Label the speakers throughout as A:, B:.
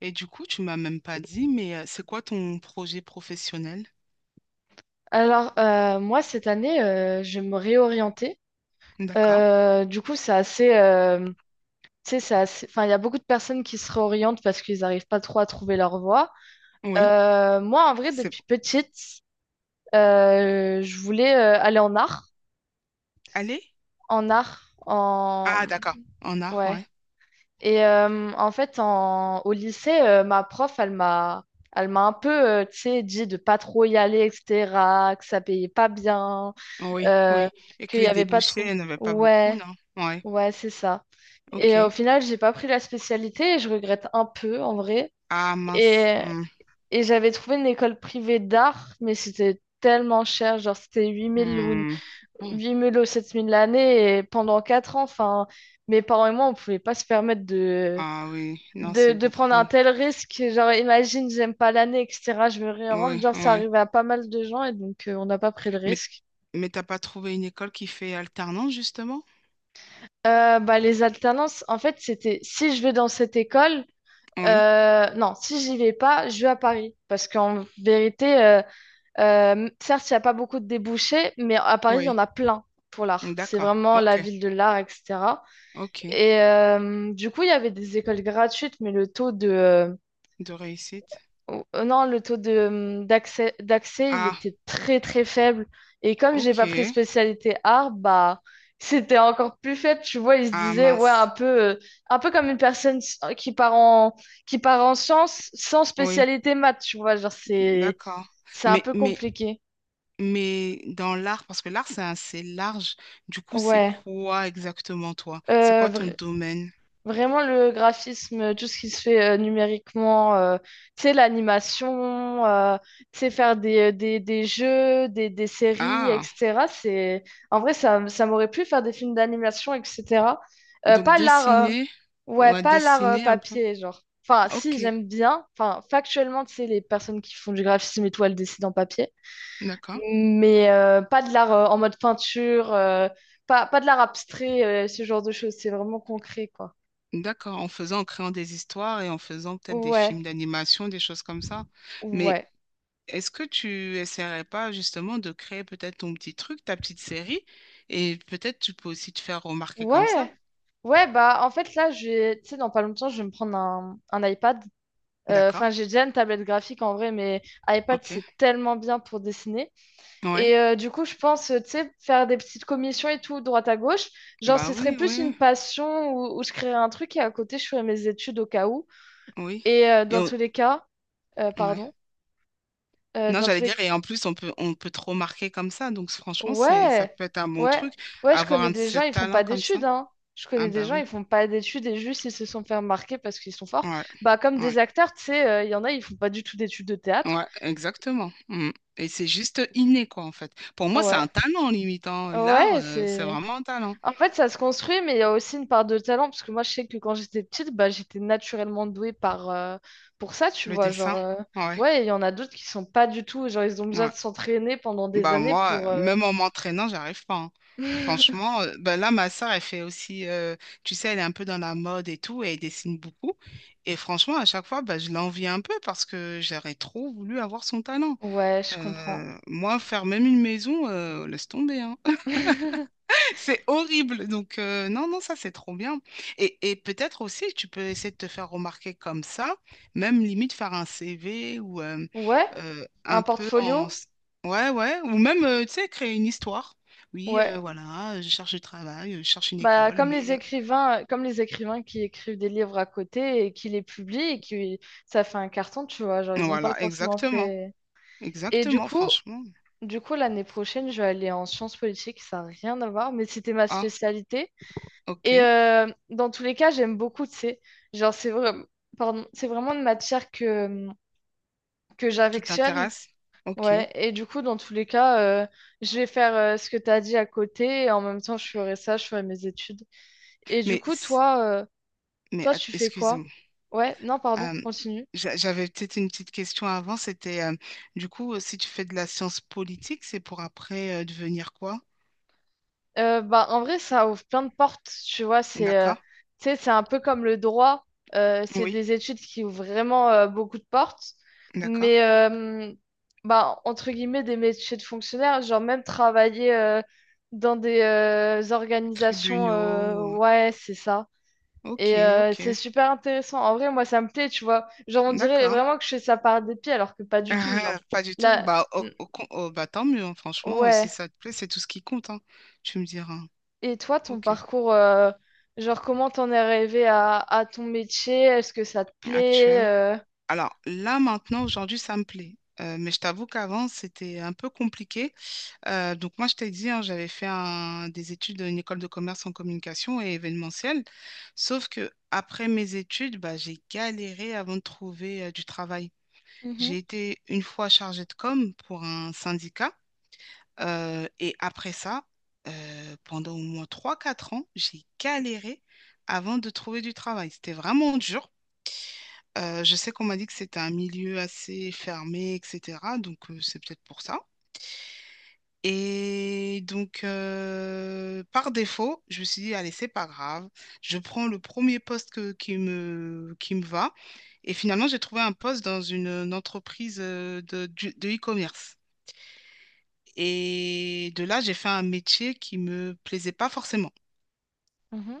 A: Et du coup, tu m'as même pas dit, mais c'est quoi ton projet professionnel?
B: Moi, cette année, je vais me réorienter.
A: D'accord.
B: Du coup, c'est assez, tu sais, c'est assez... Enfin, il y a beaucoup de personnes qui se réorientent parce qu'ils n'arrivent pas trop à trouver leur voie.
A: Oui.
B: Moi, en vrai,
A: C'est
B: depuis petite, je voulais aller en art.
A: allez?
B: En art, en...
A: Ah, d'accord. En art,
B: Ouais.
A: ouais.
B: Et en fait, en... au lycée, ma prof, elle m'a... Elle m'a un peu, tu sais, dit de pas trop y aller, etc., que ça payait pas bien,
A: Oui,
B: euh,
A: oui. Et
B: qu'il
A: que
B: n'y
A: les
B: avait pas
A: débouchés,
B: trop.
A: elle n'avait pas beaucoup,
B: Ouais,
A: non? Ouais.
B: ouais, c'est ça. Et
A: Ok.
B: au final, j'ai pas pris la spécialité et je regrette un peu en vrai.
A: Ah, mince.
B: Et,
A: Hmm,
B: et j'avais trouvé une école privée d'art, mais c'était tellement cher, genre c'était 8 000 ou,
A: hmm. Oh.
B: 8 000 ou 7 000 l'année et pendant 4 ans, enfin, mes parents et moi, on pouvait pas se permettre de,
A: Ah oui, non,
B: de,
A: c'est
B: de prendre un
A: beaucoup.
B: tel risque. Genre, imagine, j'aime pas l'année, etc., je me réoriente.
A: Oui,
B: Genre, ça
A: oui.
B: arrivait à pas mal de gens et donc on n'a pas pris de
A: Mais,
B: risque.
A: mais t'as pas trouvé une école qui fait alternance, justement?
B: Bah, les alternances, en fait, c'était si je vais dans cette école,
A: Oui,
B: non, si j'y vais pas, je vais à Paris. Parce qu'en vérité, certes, il n'y a pas beaucoup de débouchés, mais à Paris, il y en
A: oui.
B: a plein pour l'art. C'est
A: D'accord.
B: vraiment la
A: Ok,
B: ville de l'art, etc.
A: ok.
B: Et du coup, il y avait des écoles gratuites, mais le taux de,
A: De réussite.
B: Oh, non, le taux de, d'accès, d'accès, il
A: Ah,
B: était très très faible. Et comme j'ai pas pris
A: ok.
B: spécialité art, bah c'était encore plus faible. Tu vois, il se
A: Ah,
B: disait, ouais,
A: mince.
B: un peu comme une personne qui part en sciences sans
A: Oui,
B: spécialité maths, tu vois. Genre,
A: d'accord.
B: c'est un
A: Mais,
B: peu
A: mais,
B: compliqué.
A: mais dans l'art, parce que l'art, c'est assez large. Du coup, c'est
B: Ouais.
A: quoi exactement toi? C'est quoi ton
B: Euh,
A: domaine?
B: vraiment le graphisme, tout ce qui se fait numériquement, tu sais, l'animation, tu sais, faire des jeux, des séries,
A: Ah,
B: etc. C'est... En vrai, ça m'aurait plu faire des films d'animation, etc.
A: donc
B: Pas l'art,
A: dessiner,
B: ouais,
A: ouais,
B: pas l'art
A: dessiner un peu.
B: papier, genre. Enfin, si,
A: Ok,
B: j'aime bien. Enfin, factuellement, tu sais, les personnes qui font du graphisme et tout, elles dessinent en papier.
A: d'accord.
B: Mais pas de l'art en mode peinture, pas de l'art abstrait, ce genre de choses. C'est vraiment concret, quoi.
A: D'accord, en faisant, en créant des histoires et en faisant peut-être des
B: Ouais.
A: films d'animation, des choses comme ça. Mais
B: Ouais,
A: est-ce que tu essaierais pas justement de créer peut-être ton petit truc, ta petite série, et peut-être tu peux aussi te faire remarquer comme ça?
B: ouais, ouais, bah en fait là, j'ai, tu sais, dans pas longtemps, je vais me prendre un iPad.
A: D'accord,
B: Enfin, j'ai déjà une tablette graphique en vrai, mais iPad,
A: ok.
B: c'est tellement bien pour dessiner.
A: Oui,
B: Et du coup, je pense, tu sais, faire des petites commissions et tout, droite à gauche. Genre,
A: bah
B: ce serait
A: oui,
B: plus
A: oui.
B: une passion où je créerais un truc et à côté, je ferais mes études au cas où.
A: Oui.
B: Et
A: Et
B: dans tous les cas,
A: ouais.
B: pardon,
A: Non,
B: dans
A: j'allais
B: tous les
A: dire, et en plus, on peut te remarquer comme ça. Donc, franchement, c'est, ça
B: Ouais,
A: peut être un bon
B: ouais,
A: truc,
B: ouais, je
A: avoir
B: connais
A: un de
B: des gens,
A: ces
B: ils font
A: talents
B: pas
A: comme ça.
B: d'études, hein. Je
A: Ah,
B: connais des
A: bah
B: gens,
A: oui.
B: ils font pas d'études et juste ils se sont fait remarquer parce qu'ils sont forts.
A: Ouais.
B: Bah, comme
A: Ouais.
B: des acteurs, tu sais, il y en a, ils font pas du tout d'études de théâtre.
A: Ouais, exactement. Mm. Et c'est juste inné, quoi, en fait. Pour moi, c'est
B: Ouais,
A: un talent, limitant l'art,
B: ouais,
A: c'est
B: c'est.
A: vraiment un talent.
B: En fait, ça se construit, mais il y a aussi une part de talent parce que moi, je sais que quand j'étais petite, bah, j'étais naturellement douée par, pour ça, tu
A: Le
B: vois.
A: dessin. Ouais.
B: Ouais, il y en a d'autres qui sont pas du tout, genre, ils ont besoin
A: Ouais.
B: de s'entraîner pendant des
A: Bah
B: années
A: moi,
B: pour.
A: même en m'entraînant, j'arrive pas, hein. Franchement, bah là, ma sœur, elle fait aussi, tu sais, elle est un peu dans la mode et tout, et elle dessine beaucoup. Et franchement, à chaque fois, bah, je l'envie un peu parce que j'aurais trop voulu avoir son talent.
B: Ouais, je comprends.
A: Moi, faire même une maison, laisse tomber, hein. C'est horrible. Donc, non, non, ça, c'est trop bien. Et peut-être aussi, tu peux essayer de te faire remarquer comme ça, même limite faire un CV ou
B: Ouais, un
A: un peu en...
B: portfolio?
A: Ouais, ouais. Ou même, tu sais, créer une histoire. Oui,
B: Ouais,
A: voilà, je cherche du travail, je cherche une
B: bah,
A: école, mais...
B: comme les écrivains qui écrivent des livres à côté et qui les publient et qui ça fait un carton, tu vois, genre ils ont pas
A: Voilà,
B: forcément
A: exactement.
B: fait. Et du
A: Exactement,
B: coup,
A: franchement.
B: du coup l'année prochaine, je vais aller en sciences politiques, ça n'a rien à voir, mais c'était ma
A: Ah,
B: spécialité.
A: ok.
B: Et dans tous les cas, j'aime beaucoup, tu sais, genre c'est vrai, pardon, c'est vraiment une matière que
A: Qui
B: j'affectionne.
A: t'intéresse? Ok.
B: Ouais, et du coup, dans tous les cas, je vais faire ce que tu as dit à côté et en même temps, je ferai ça, je ferai mes études. Et du
A: Mais,
B: coup, toi, toi, tu fais quoi?
A: excuse-moi.
B: Ouais, non, pardon,
A: Euh,
B: continue.
A: j'avais peut-être une petite question avant, c'était du coup, si tu fais de la science politique, c'est pour après devenir quoi?
B: Bah, en vrai, ça ouvre plein de portes, tu vois. C'est
A: D'accord?
B: Tu sais, c'est un peu comme le droit. C'est
A: Oui,
B: des études qui ouvrent vraiment beaucoup de portes.
A: d'accord.
B: Mais, bah, entre guillemets, des métiers de fonctionnaire, genre même travailler dans des organisations,
A: Tribunaux.
B: ouais, c'est ça.
A: Ok,
B: Et
A: ok,
B: c'est super intéressant. En vrai, moi, ça me plaît, tu vois. Genre, on dirait
A: d'accord.
B: vraiment que je fais ça par dépit, alors que pas du tout,
A: Ah,
B: genre.
A: pas du tout.
B: Là,
A: Bah, oh, bah tant mieux, hein, franchement, si
B: ouais.
A: ça te plaît, c'est tout ce qui compte, hein. Tu me diras.
B: Et toi, ton
A: Ok,
B: parcours, genre comment t'en es arrivé à ton métier? Est-ce que ça te plaît?
A: actuel. Alors là, maintenant, aujourd'hui, ça me plaît. Mais je t'avoue qu'avant, c'était un peu compliqué. Donc moi, je t'ai dit, hein, j'avais fait des études à une école de commerce en communication et événementiel. Sauf que après mes études, bah, j'ai galéré avant de trouver du travail. J'ai
B: Mhm,
A: été une fois chargée de com pour un syndicat. Et après ça, pendant au moins trois quatre ans, j'ai galéré avant de trouver du travail. C'était vraiment dur. Je sais qu'on m'a dit que c'était un milieu assez fermé, etc. Donc c'est peut-être pour ça. Et donc, par défaut, je me suis dit, allez, c'est pas grave. Je prends le premier poste qui me va. Et finalement, j'ai trouvé un poste dans une entreprise de e-commerce. Et de là, j'ai fait un métier qui me plaisait pas forcément.
B: mhm.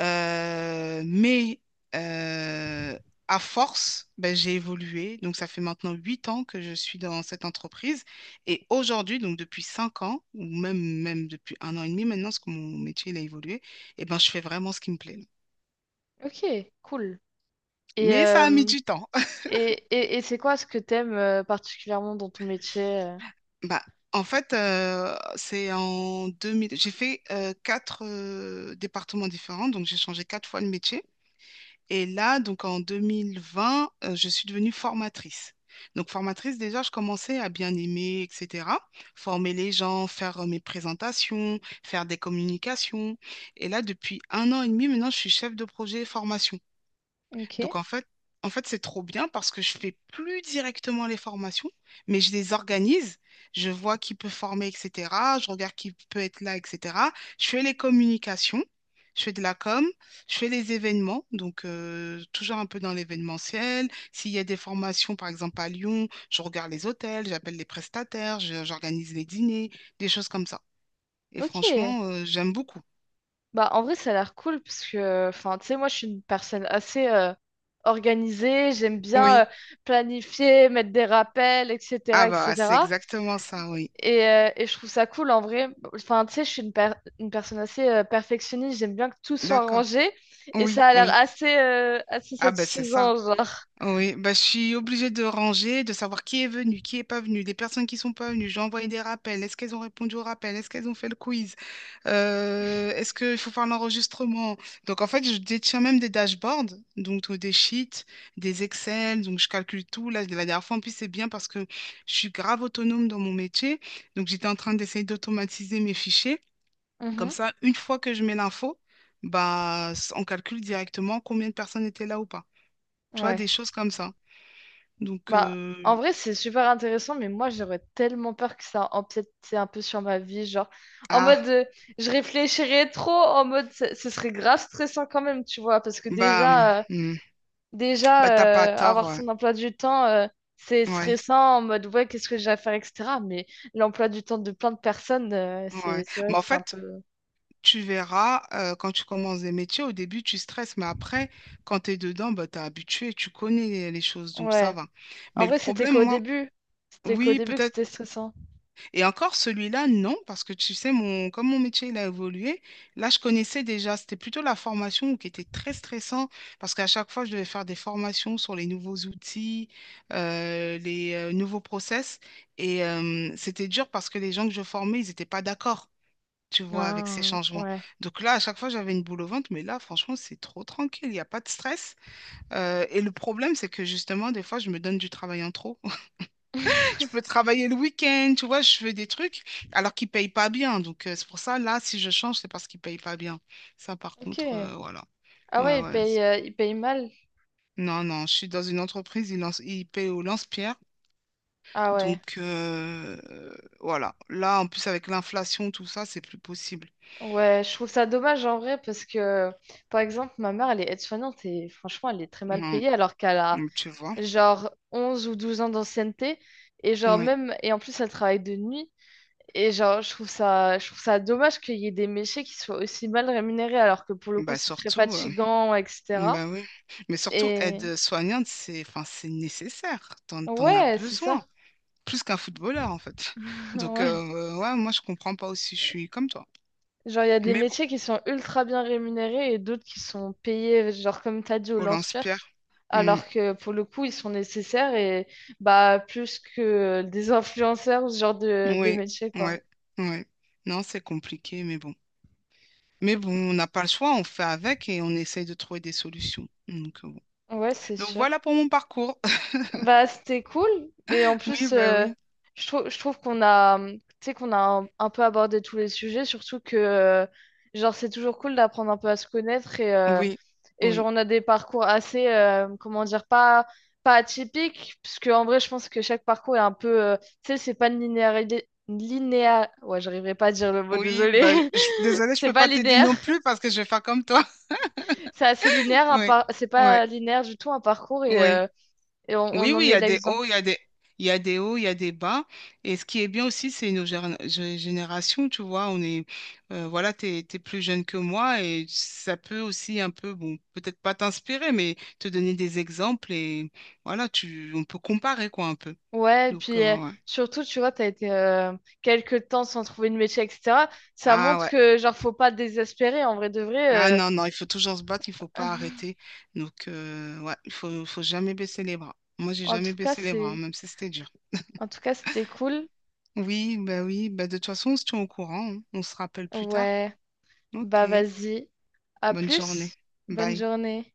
A: Mais euh, à force, ben, j'ai évolué. Donc, ça fait maintenant 8 ans que je suis dans cette entreprise. Et aujourd'hui, donc depuis 5 ans, ou même depuis 1 an et demi maintenant, parce que mon métier il a évolué, et ben, je fais vraiment ce qui me plaît.
B: Ok, cool. Et,
A: Mais ça a mis
B: euh,
A: du temps.
B: et c'est quoi ce que t'aimes particulièrement dans ton métier?
A: Bah, en fait, c'est en 2000. J'ai fait quatre départements différents, donc j'ai changé quatre fois de métier. Et là, donc en 2020, je suis devenue formatrice. Donc formatrice, déjà, je commençais à bien aimer, etc. Former les gens, faire mes présentations, faire des communications. Et là, depuis 1 an et demi, maintenant, je suis chef de projet formation.
B: Ok,
A: Donc en fait, c'est trop bien parce que je fais plus directement les formations, mais je les organise, je vois qui peut former, etc. Je regarde qui peut être là, etc. Je fais les communications, je fais de la com, je fais les événements, donc toujours un peu dans l'événementiel. S'il y a des formations, par exemple à Lyon, je regarde les hôtels, j'appelle les prestataires, j'organise les dîners, des choses comme ça. Et
B: ok.
A: franchement, j'aime beaucoup.
B: Bah en vrai, ça a l'air cool parce que, enfin, tu sais, moi, je suis une personne assez organisée. J'aime bien
A: Oui.
B: planifier, mettre des rappels,
A: Ah
B: etc.,
A: bah, c'est
B: etc.
A: exactement ça, oui.
B: Et je trouve ça cool en vrai. Enfin, tu sais, je suis une personne assez perfectionniste. J'aime bien que tout soit
A: D'accord.
B: rangé. Et ça
A: Oui,
B: a l'air
A: oui.
B: assez, assez
A: Ah ben c'est ça.
B: satisfaisant, genre.
A: Oui, bah je suis obligée de ranger, de savoir qui est venu, qui est pas venu, les personnes qui sont pas venues. J'ai envoyé des rappels. Est-ce qu'elles ont répondu au rappel? Est-ce qu'elles ont fait le quiz? Est-ce qu'il faut faire l'enregistrement? Donc en fait, je détiens même des dashboards, donc des sheets, des Excel, donc je calcule tout. Là, la dernière fois en plus, c'est bien parce que je suis grave autonome dans mon métier. Donc j'étais en train d'essayer d'automatiser mes fichiers. Comme
B: Mhm.
A: ça, une fois que je mets l'info, bah on calcule directement combien de personnes étaient là ou pas. Tu vois,
B: Ouais.
A: des choses comme ça. Donc,
B: Bah, en vrai, c'est super intéressant, mais moi, j'aurais tellement peur que ça empiète tu sais, un peu sur ma vie. Genre, en mode,
A: ah,
B: je réfléchirais trop, en mode, ce serait grave stressant quand même, tu vois. Parce que
A: bah,
B: déjà,
A: hmm,
B: déjà,
A: bah t'as pas tort,
B: avoir
A: ouais.
B: son emploi du temps, c'est
A: Ouais,
B: stressant en mode ouais, qu'est-ce que j'ai à faire, etc. Mais l'emploi du temps de plein de personnes,
A: ouais.
B: c'est vrai
A: Mais
B: que
A: en
B: c'est un
A: fait,
B: peu.
A: tu verras, quand tu commences des métiers, au début, tu stresses, mais après, quand tu es dedans, bah, t'es habitué, tu connais les choses, donc ça
B: Ouais.
A: va.
B: En
A: Mais le
B: vrai, c'était
A: problème,
B: qu'au
A: moi,
B: début. C'était qu'au
A: oui,
B: début que
A: peut-être.
B: c'était stressant.
A: Et encore celui-là, non, parce que tu sais, comme mon métier il a évolué, là je connaissais déjà, c'était plutôt la formation qui était très stressant, parce qu'à chaque fois je devais faire des formations sur les nouveaux outils, les nouveaux process, et c'était dur parce que les gens que je formais, ils n'étaient pas d'accord, tu vois, avec ces
B: Ah,
A: changements.
B: ouais.
A: Donc là, à chaque fois j'avais une boule au ventre, mais là franchement c'est trop tranquille, il n'y a pas de stress. Et le problème, c'est que justement, des fois je me donne du travail en trop. Je peux travailler le week-end, tu vois, je fais des trucs alors qu'ils payent pas bien. Donc, c'est pour ça, là, si je change, c'est parce qu'ils payent pas bien. Ça, par
B: Ok.
A: contre, voilà.
B: Ah
A: Ouais,
B: ouais,
A: ouais.
B: il paye mal.
A: Non, non, je suis dans une entreprise, ils payent au lance-pierre.
B: Ah ouais.
A: Donc, voilà. Là, en plus, avec l'inflation, tout ça, c'est plus possible.
B: Ouais, je trouve ça dommage en vrai parce que, par exemple, ma mère, elle est aide-soignante et franchement, elle est très mal
A: Mhm.
B: payée alors qu'elle a,
A: Donc, tu vois?
B: genre 11 ou 12 ans d'ancienneté et genre
A: Oui.
B: même et en plus elle travaille de nuit et je trouve ça dommage qu'il y ait des métiers qui soient aussi mal rémunérés alors que pour le coup
A: Bah,
B: c'est très
A: surtout,
B: fatigant etc.
A: bah oui. Mais surtout,
B: et
A: aide soignante, c'est, enfin, c'est nécessaire. T'en as
B: ouais c'est ça
A: besoin. Plus qu'un footballeur en fait. Donc
B: ouais
A: ouais, moi je comprends pas aussi, je suis comme toi.
B: genre il y a des
A: Mais bon,
B: métiers qui sont ultra bien rémunérés et d'autres qui sont payés genre comme t'as dit au
A: on
B: lance-pierre
A: l'inspire. Mm.
B: alors que pour le coup ils sont nécessaires et bah plus que des influenceurs ou ce genre de
A: Oui,
B: métier quoi.
A: ouais, ouais. Non, c'est compliqué, mais bon. Mais bon, on n'a pas le choix, on fait avec et on essaye de trouver des solutions. Donc, bon.
B: Ouais c'est
A: Donc
B: sûr.
A: voilà pour mon parcours.
B: Bah, c'était cool. Et en
A: Oui,
B: plus,
A: bah oui,
B: je trouve qu'on a, tu sais, qu'on a un peu abordé tous les sujets, surtout que, genre, c'est toujours cool d'apprendre un peu à se connaître
A: oui,
B: et
A: oui,
B: genre, on a des parcours assez, comment dire, pas atypiques, parce que, en vrai, je pense que chaque parcours est un peu, tu sais, c'est pas linéaire, linéa ouais, j'arriverai pas à dire le mot,
A: oui.
B: désolé.
A: Bah, désolée, je
B: C'est
A: peux
B: pas
A: pas t'aider
B: linéaire.
A: non plus parce que je vais faire comme toi.
B: C'est assez linéaire,
A: Oui,
B: c'est
A: oui,
B: pas linéaire du tout un parcours
A: oui.
B: et
A: Oui,
B: on
A: oui,
B: en
A: il y
B: est
A: a des hauts,
B: l'exemple.
A: il y a des, il y a des hauts, il y a des bas. Et ce qui est bien aussi, c'est nos générations, tu vois. On est, voilà, t'es plus jeune que moi et ça peut aussi un peu, bon, peut-être pas t'inspirer, mais te donner des exemples et voilà, on peut comparer quoi un peu.
B: Ouais, et
A: Donc,
B: puis
A: ouais.
B: surtout, tu vois, t'as été quelques temps sans trouver de métier, etc. Ça
A: Ah
B: montre
A: ouais.
B: que, genre, faut pas désespérer, en vrai de
A: Ah
B: vrai.
A: non, non, il faut toujours se battre, il faut pas arrêter. Donc, ouais, faut jamais baisser les bras. Moi, j'ai
B: En
A: jamais
B: tout cas,
A: baissé les bras, hein,
B: c'est...
A: même si c'était dur.
B: En tout cas, c'était cool.
A: Oui, bah de toute façon, on se tient au courant, hein. On se rappelle plus tard.
B: Ouais,
A: Ok,
B: bah vas-y. À
A: bonne journée.
B: plus. Bonne
A: Bye.
B: journée.